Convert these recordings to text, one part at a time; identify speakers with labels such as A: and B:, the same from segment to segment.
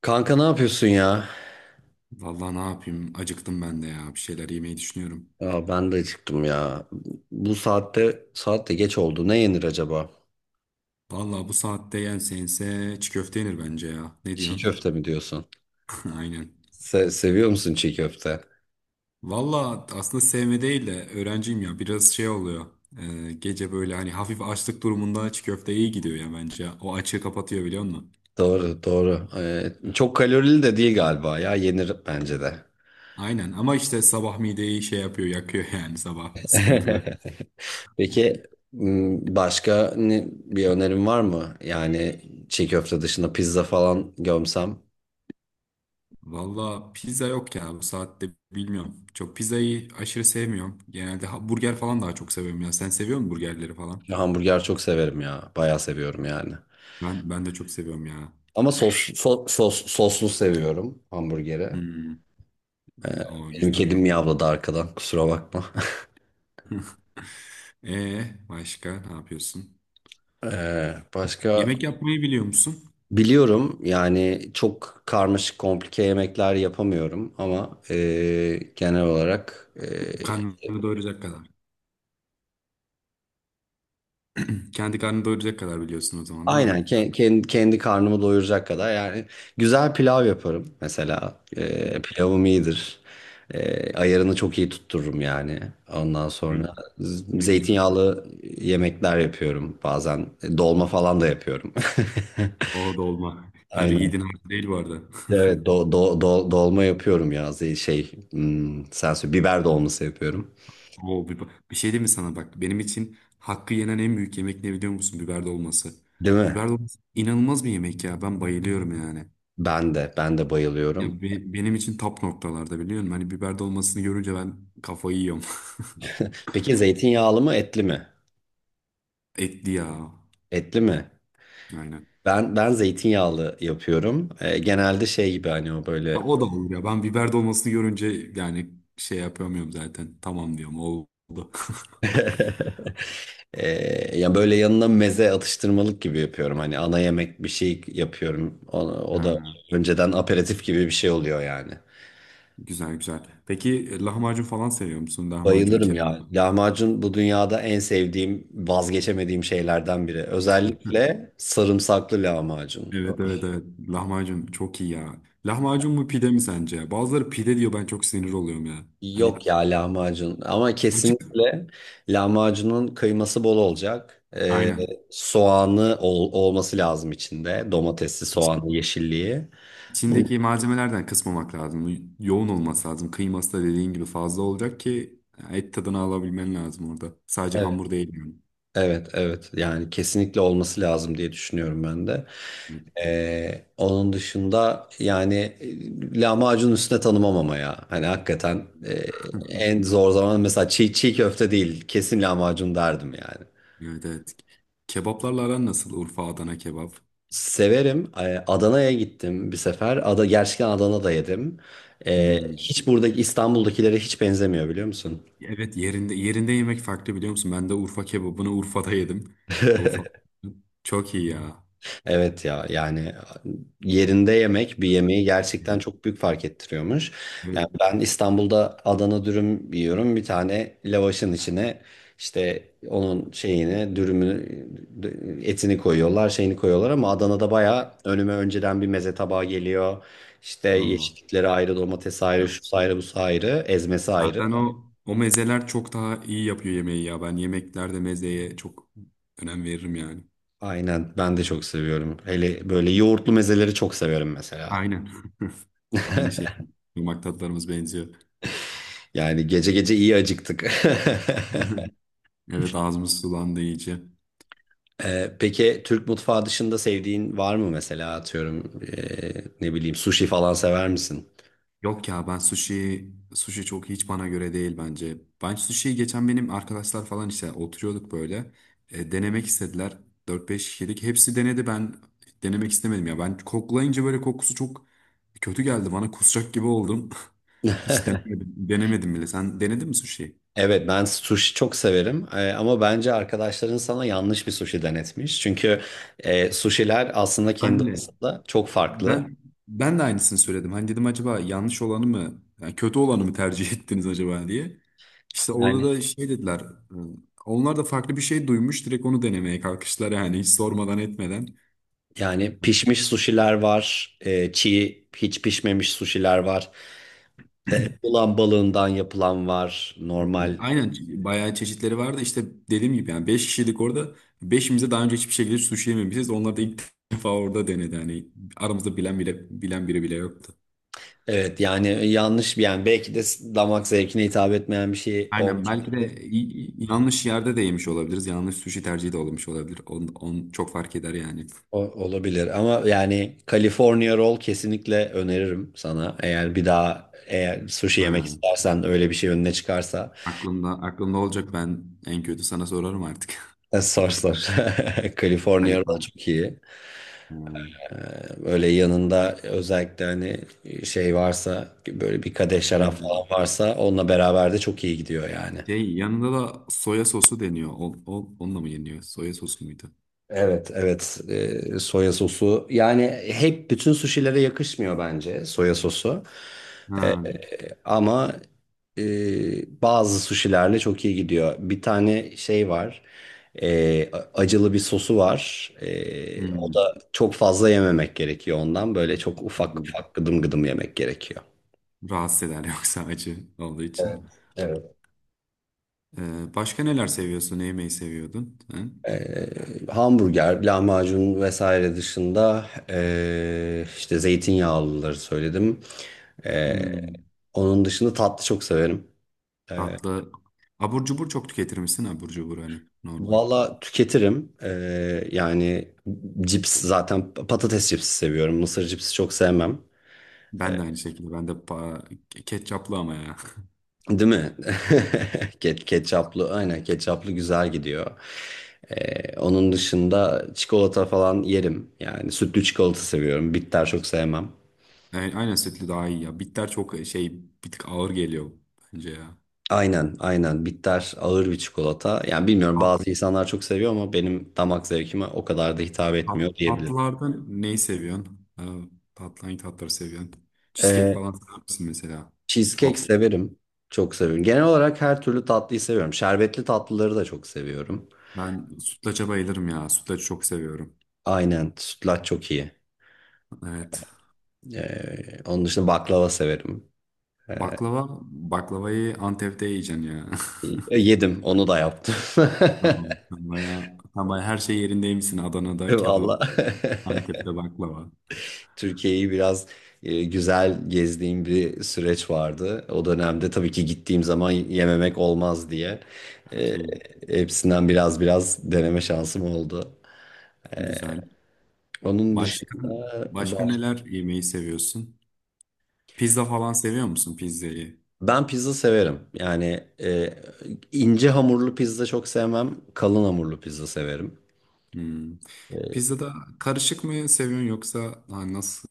A: Kanka ne yapıyorsun ya?
B: Vallahi ne yapayım? Acıktım ben de ya. Bir şeyler yemeyi düşünüyorum.
A: Ya ben de acıktım ya. Bu saatte geç oldu. Ne yenir acaba?
B: Vallahi bu saatte yense yense çiğ köfte yenir bence ya. Ne
A: Çiğ
B: diyorsun?
A: köfte mi diyorsun?
B: Aynen.
A: Seviyor musun çiğ köfte?
B: Vallahi aslında sevme değil de öğrenciyim ya. Biraz şey oluyor. Gece böyle hani hafif açlık durumunda çiğ köfte iyi gidiyor ya bence. O açığı kapatıyor biliyor musun?
A: Doğru, doğru. Çok kalorili de değil galiba ya. Yenir bence de.
B: Aynen ama işte sabah mideyi şey yapıyor yakıyor yani sabah sıkıntılı.
A: Peki başka bir önerim var mı? Yani çiğ köfte dışında pizza falan gömsem.
B: Valla pizza yok ya bu saatte bilmiyorum. Çok pizzayı aşırı sevmiyorum. Genelde burger falan daha çok seviyorum ya. Sen seviyor musun burgerleri falan?
A: Hamburger çok severim ya. Bayağı seviyorum yani.
B: Ben de çok seviyorum ya.
A: Ama soslu seviyorum hamburgeri.
B: Hmm. O
A: Benim
B: güzel.
A: kedim miyavladı arkadan kusura bakma.
B: Başka ne yapıyorsun?
A: Başka.
B: Yemek yapmayı biliyor musun?
A: Biliyorum yani çok karmaşık komplike yemekler yapamıyorum ama genel olarak
B: Karnını doyuracak kadar. Kendi karnını doyuracak kadar biliyorsun o zaman değil mi?
A: kendi karnımı doyuracak kadar yani güzel pilav yaparım mesela.
B: Hmm.
A: Pilavım iyidir. Ayarını çok iyi tuttururum yani. Ondan sonra
B: Ne, ne güzel.
A: zeytinyağlı yemekler yapıyorum bazen. Dolma falan da yapıyorum.
B: O dolma. Her
A: Aynen.
B: yiğidin hakkı değil bu arada.
A: Evet, dolma yapıyorum ya. Zey- şey hmm, sen söyle Biber dolması yapıyorum.
B: Oo, bir şey diyeyim mi sana bak. Benim için hakkı yenen en büyük yemek ne biliyor musun? Biber dolması.
A: Değil mi?
B: Biber dolması inanılmaz bir yemek ya. Ben bayılıyorum yani.
A: Ben de
B: Ya
A: bayılıyorum.
B: benim için top noktalarda biliyor musun? Hani biber dolmasını görünce ben kafayı yiyorum.
A: Peki zeytinyağlı mı etli mi?
B: Etli ya.
A: Etli mi?
B: Aynen.
A: Ben zeytinyağlı yapıyorum. Genelde şey gibi hani o
B: Ya
A: böyle.
B: o da olur ya. Ben biber dolmasını görünce yani şey yapamıyorum zaten. Tamam diyorum oldu.
A: Ya böyle yanına meze atıştırmalık gibi yapıyorum. Hani ana yemek bir şey yapıyorum. O da
B: Ha,
A: önceden aperatif gibi bir şey oluyor yani.
B: güzel güzel. Peki lahmacun falan seviyor musun? Lahmacun
A: Bayılırım ya.
B: kebap.
A: Lahmacun bu dünyada en sevdiğim, vazgeçemediğim şeylerden biri.
B: Hı.
A: Özellikle sarımsaklı lahmacun.
B: Evet, evet, evet. Lahmacun çok iyi ya. Lahmacun mu pide mi sence? Bazıları pide diyor, ben çok sinir oluyorum ya. Hani
A: Yok ya, lahmacun. Ama
B: açık.
A: kesinlikle lahmacunun kıyması bol olacak.
B: Aynen.
A: Soğanı olması lazım içinde. Domatesli, soğanlı, yeşilliği. Bu,
B: İçindeki malzemelerden kısmamak lazım. Yoğun olması lazım. Kıyması da dediğin gibi fazla olacak ki et tadını alabilmen lazım orada. Sadece
A: evet.
B: hamur değil yani.
A: Evet, evet. Yani kesinlikle olması lazım diye düşünüyorum ben de.
B: Evet.
A: Onun dışında yani lahmacun üstüne tanımam ama ya. Hani hakikaten en zor zaman mesela çiğ köfte değil, kesin lahmacun derdim yani.
B: Evet, evet. Kebaplarla aran nasıl? Urfa, Adana kebap.
A: Severim. Adana'ya gittim bir sefer. Gerçekten Adana'da yedim.
B: Hmm.
A: Hiç buradaki İstanbul'dakilere hiç benzemiyor biliyor musun?
B: Evet, yerinde yerinde yemek farklı biliyor musun? Ben de Urfa kebabını Urfa'da yedim. Urfa çok iyi ya.
A: Evet ya, yani yerinde yemek bir yemeği gerçekten çok büyük fark ettiriyormuş.
B: Evet.
A: Yani ben İstanbul'da Adana dürüm yiyorum. Bir tane lavaşın içine işte onun şeyini, dürümünü, etini koyuyorlar, şeyini koyuyorlar ama Adana'da bayağı önüme önceden bir meze tabağı geliyor. İşte
B: Ama.
A: yeşillikleri ayrı, domates
B: Ya,
A: ayrı, şu ayrı, bu ayrı, ezmesi ayrı.
B: zaten o mezeler çok daha iyi yapıyor yemeği ya. Ben yemeklerde mezeye çok önem veririm yani.
A: Aynen, ben de çok seviyorum. Hele böyle yoğurtlu mezeleri çok severim mesela.
B: Aynen. Aynı şey. Yumak tatlarımız benziyor.
A: Yani gece gece iyi acıktık.
B: Evet, ağzımız sulandı iyice.
A: Peki Türk mutfağı dışında sevdiğin var mı mesela? Atıyorum ne bileyim, sushi falan sever misin?
B: Yok ya, ben sushi çok hiç bana göre değil bence. Ben sushi'yi geçen benim arkadaşlar falan işte oturuyorduk böyle. Denemek istediler. Dört beş kişilik. Hepsi denedi, ben denemek istemedim ya. Ben koklayınca böyle kokusu çok kötü geldi bana. Kusacak gibi oldum. Hiç denemedim. Denemedim bile. Sen denedin mi sushi'yi?
A: Evet, ben sushi çok severim. Ama bence arkadaşların sana yanlış bir sushi denetmiş. Çünkü sushiler aslında kendi
B: Ben de.
A: arasında çok farklı.
B: Ben ben de aynısını söyledim. Hani dedim acaba yanlış olanı mı, yani kötü olanı mı tercih ettiniz acaba diye. İşte orada
A: Yani
B: da şey dediler. Onlar da farklı bir şey duymuş, direkt onu denemeye kalkıştılar yani hiç sormadan etmeden.
A: yani pişmiş sushiler var, çiğ hiç pişmemiş sushiler var. Ulan balığından yapılan var normal.
B: Aynen, bayağı çeşitleri vardı. İşte dediğim gibi yani 5 kişilik orada. Beşimize daha önce hiçbir şekilde sushi yememişiz. Onlar da ilk defa orada denedi. Hani aramızda bilen bile, bilen biri bile yoktu.
A: Evet yani yanlış bir, yani belki de damak zevkine hitap etmeyen bir şey
B: Aynen,
A: olmuş
B: belki de
A: olabilir.
B: yanlış yerde de yemiş olabiliriz. Yanlış sushi tercihi de olmuş olabilir. On çok fark eder yani.
A: Olabilir ama yani California Roll kesinlikle öneririm sana. Eğer bir daha eğer sushi yemek
B: Ha,
A: istersen, öyle bir şey önüne çıkarsa.
B: aklımda aklımda olacak, ben en kötü sana sorarım artık.
A: Sor, sor. California Roll
B: Halifal.
A: çok iyi.
B: Ha,
A: Ee, Böyle yanında özellikle hani şey varsa, böyle bir kadeh
B: e,
A: şarap falan varsa onunla beraber de çok iyi gidiyor yani.
B: şey yanında da soya sosu deniyor. Onunla mı yeniyor? Soya sosu muydu?
A: Evet, evet. Soya sosu yani hep bütün suşilere yakışmıyor bence soya sosu.
B: Ha,
A: Ama bazı suşilerle çok iyi gidiyor. Bir tane şey var. Acılı bir sosu var. O
B: hmm,
A: da çok fazla yememek gerekiyor ondan. Böyle çok ufak
B: anladım.
A: ufak, gıdım gıdım yemek gerekiyor.
B: Rahatsız eder yoksa acı olduğu için.
A: Evet, evet.
B: Başka neler seviyorsun? Ne yemeyi seviyordun? Ha?
A: Hamburger, lahmacun vesaire dışında işte zeytinyağlıları söyledim. E,
B: Hmm,
A: Onun dışında tatlı çok severim. E,
B: tatlı. Abur cubur çok tüketir misin? Abur cubur hani normal.
A: Valla tüketirim. Yani cips, zaten patates cipsi seviyorum. Mısır cipsi çok sevmem.
B: Ben de aynı şekilde. Ben de ketçaplı ama ya.
A: Değil mi? Ketçaplı, aynen, ketçaplı güzel gidiyor. Onun dışında çikolata falan yerim. Yani sütlü çikolata seviyorum. Bitter çok sevmem.
B: Yani aynen setli daha iyi ya. Bitter çok şey, bir tık ağır geliyor bence ya.
A: Aynen, aynen, bitter ağır bir çikolata. Yani bilmiyorum,
B: Tat,
A: bazı insanlar çok seviyor ama benim damak zevkime o kadar da hitap etmiyor
B: tat,
A: diyebilirim.
B: tatlılardan neyi seviyorsun? Ha, tatlı hangi tatları seviyorsun? Cheesecake falan sever misin mesela?
A: Cheesecake
B: Waffle.
A: severim. Çok seviyorum. Genel olarak her türlü tatlıyı seviyorum. Şerbetli tatlıları da çok seviyorum.
B: Ben sütlaça bayılırım ya. Sütlacı çok seviyorum.
A: Aynen. Sütlaç çok iyi.
B: Evet.
A: Onun dışında baklava severim. E,
B: Baklava, baklavayı Antep'te yiyeceksin ya.
A: Yedim, onu da yaptım.
B: Tamam. Sen bayağı her şey yerindeymişsin. Adana'da kebap,
A: Vallahi
B: Antep'te baklava.
A: Türkiye'yi biraz güzel gezdiğim bir süreç vardı. O dönemde tabii ki gittiğim zaman yememek olmaz diye e,
B: Okey.
A: hepsinden biraz biraz deneme şansım oldu.
B: Güzel.
A: Onun
B: Başka,
A: dışında
B: başka neler yemeyi seviyorsun? Pizza falan seviyor musun pizzayı?
A: ben pizza severim. Yani ince hamurlu pizza çok sevmem. Kalın hamurlu pizza severim.
B: Hmm.
A: E,
B: Pizzada karışık mı seviyorsun yoksa ha, nasıl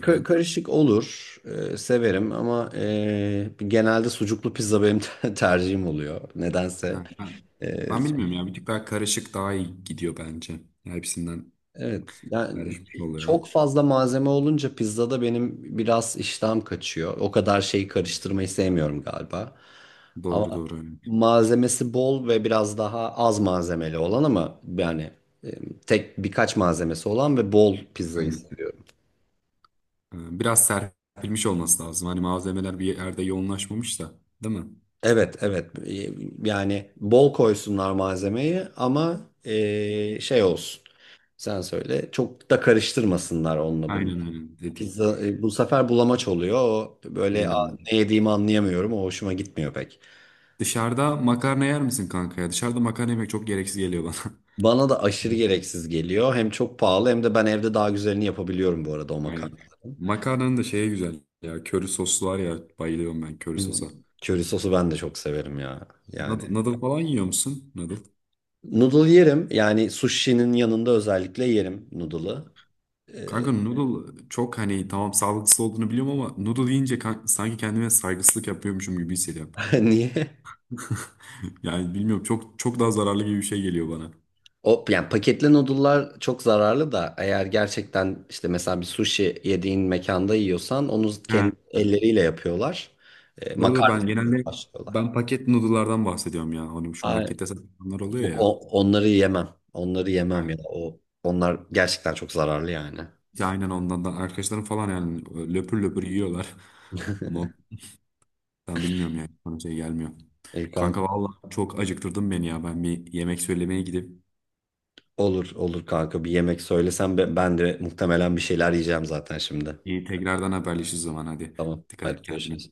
A: Karışık olur. Severim ama genelde sucuklu pizza benim tercihim oluyor. Nedense.
B: Ha, ben,
A: E,
B: ben bilmiyorum ya, bir tık daha karışık daha iyi gidiyor bence. Ya, hepsinden
A: evet. Yani
B: karışmış oluyor.
A: çok fazla malzeme olunca pizzada benim biraz iştahım kaçıyor. O kadar şeyi karıştırmayı sevmiyorum galiba. Ama
B: Doğru doğru. Evet.
A: malzemesi bol ve biraz daha az malzemeli olan, ama yani e, tek birkaç malzemesi olan ve bol pizzayı
B: Aynen.
A: seviyorum.
B: Biraz serpilmiş olması lazım. Hani malzemeler bir yerde yoğunlaşmamış da, değil mi?
A: Evet, evet. Yani bol koysunlar malzemeyi ama şey olsun, sen söyle çok da karıştırmasınlar onunla bunu.
B: Aynen aynen dedi.
A: Pizza bu sefer bulamaç oluyor, o böyle.
B: Dediğini
A: "Aa,
B: anladım.
A: ne yediğimi anlayamıyorum, o hoşuma gitmiyor pek."
B: Dışarıda makarna yer misin kanka ya? Dışarıda makarna yemek çok gereksiz geliyor bana.
A: Bana da aşırı gereksiz geliyor, hem çok pahalı hem de ben evde daha güzelini yapabiliyorum bu arada o
B: Aynen.
A: makarna.
B: Makarnanın da şeye güzel ya. Köri soslu var ya. Bayılıyorum ben köri
A: Hmm,
B: sosa.
A: köri sosu ben de çok severim ya. Yani
B: Noodle falan yiyor musun? Noodle.
A: noodle yerim. Yani sushi'nin yanında özellikle yerim noodle'ı. Ee,
B: Kanka noodle çok hani, tamam sağlıksız olduğunu biliyorum ama noodle yiyince sanki kendime saygısızlık yapıyormuşum gibi hissediyorum.
A: Niye?
B: Yani bilmiyorum, çok çok daha zararlı gibi bir şey geliyor bana.
A: O yani paketli noodle'lar çok zararlı da, eğer gerçekten işte mesela bir sushi yediğin mekanda yiyorsan onu kendi
B: Ha.
A: elleriyle yapıyorlar.
B: Doğru doğru,
A: Makarna yapıyor, başlıyorlar.
B: ben paket noodle'lardan bahsediyorum ya. Hani şu
A: Ay,
B: markette satılanlar oluyor
A: yok,
B: ya.
A: onları yemem. Onları yemem
B: Yani,
A: ya. Onlar gerçekten çok zararlı yani.
B: ya aynen ondan da arkadaşlarım falan yani löpür löpür yiyorlar. Ama ben bilmiyorum yani, bana şey gelmiyor. Kanka
A: İlkan,
B: vallahi çok acıktırdın beni ya. Ben bir yemek söylemeye gidip
A: olur olur kanka, bir yemek söylesen ben de muhtemelen bir şeyler yiyeceğim zaten şimdi.
B: bir tekrardan haberleşiriz zaman hadi.
A: Tamam,
B: Dikkat
A: hadi
B: et kendine.
A: görüşürüz.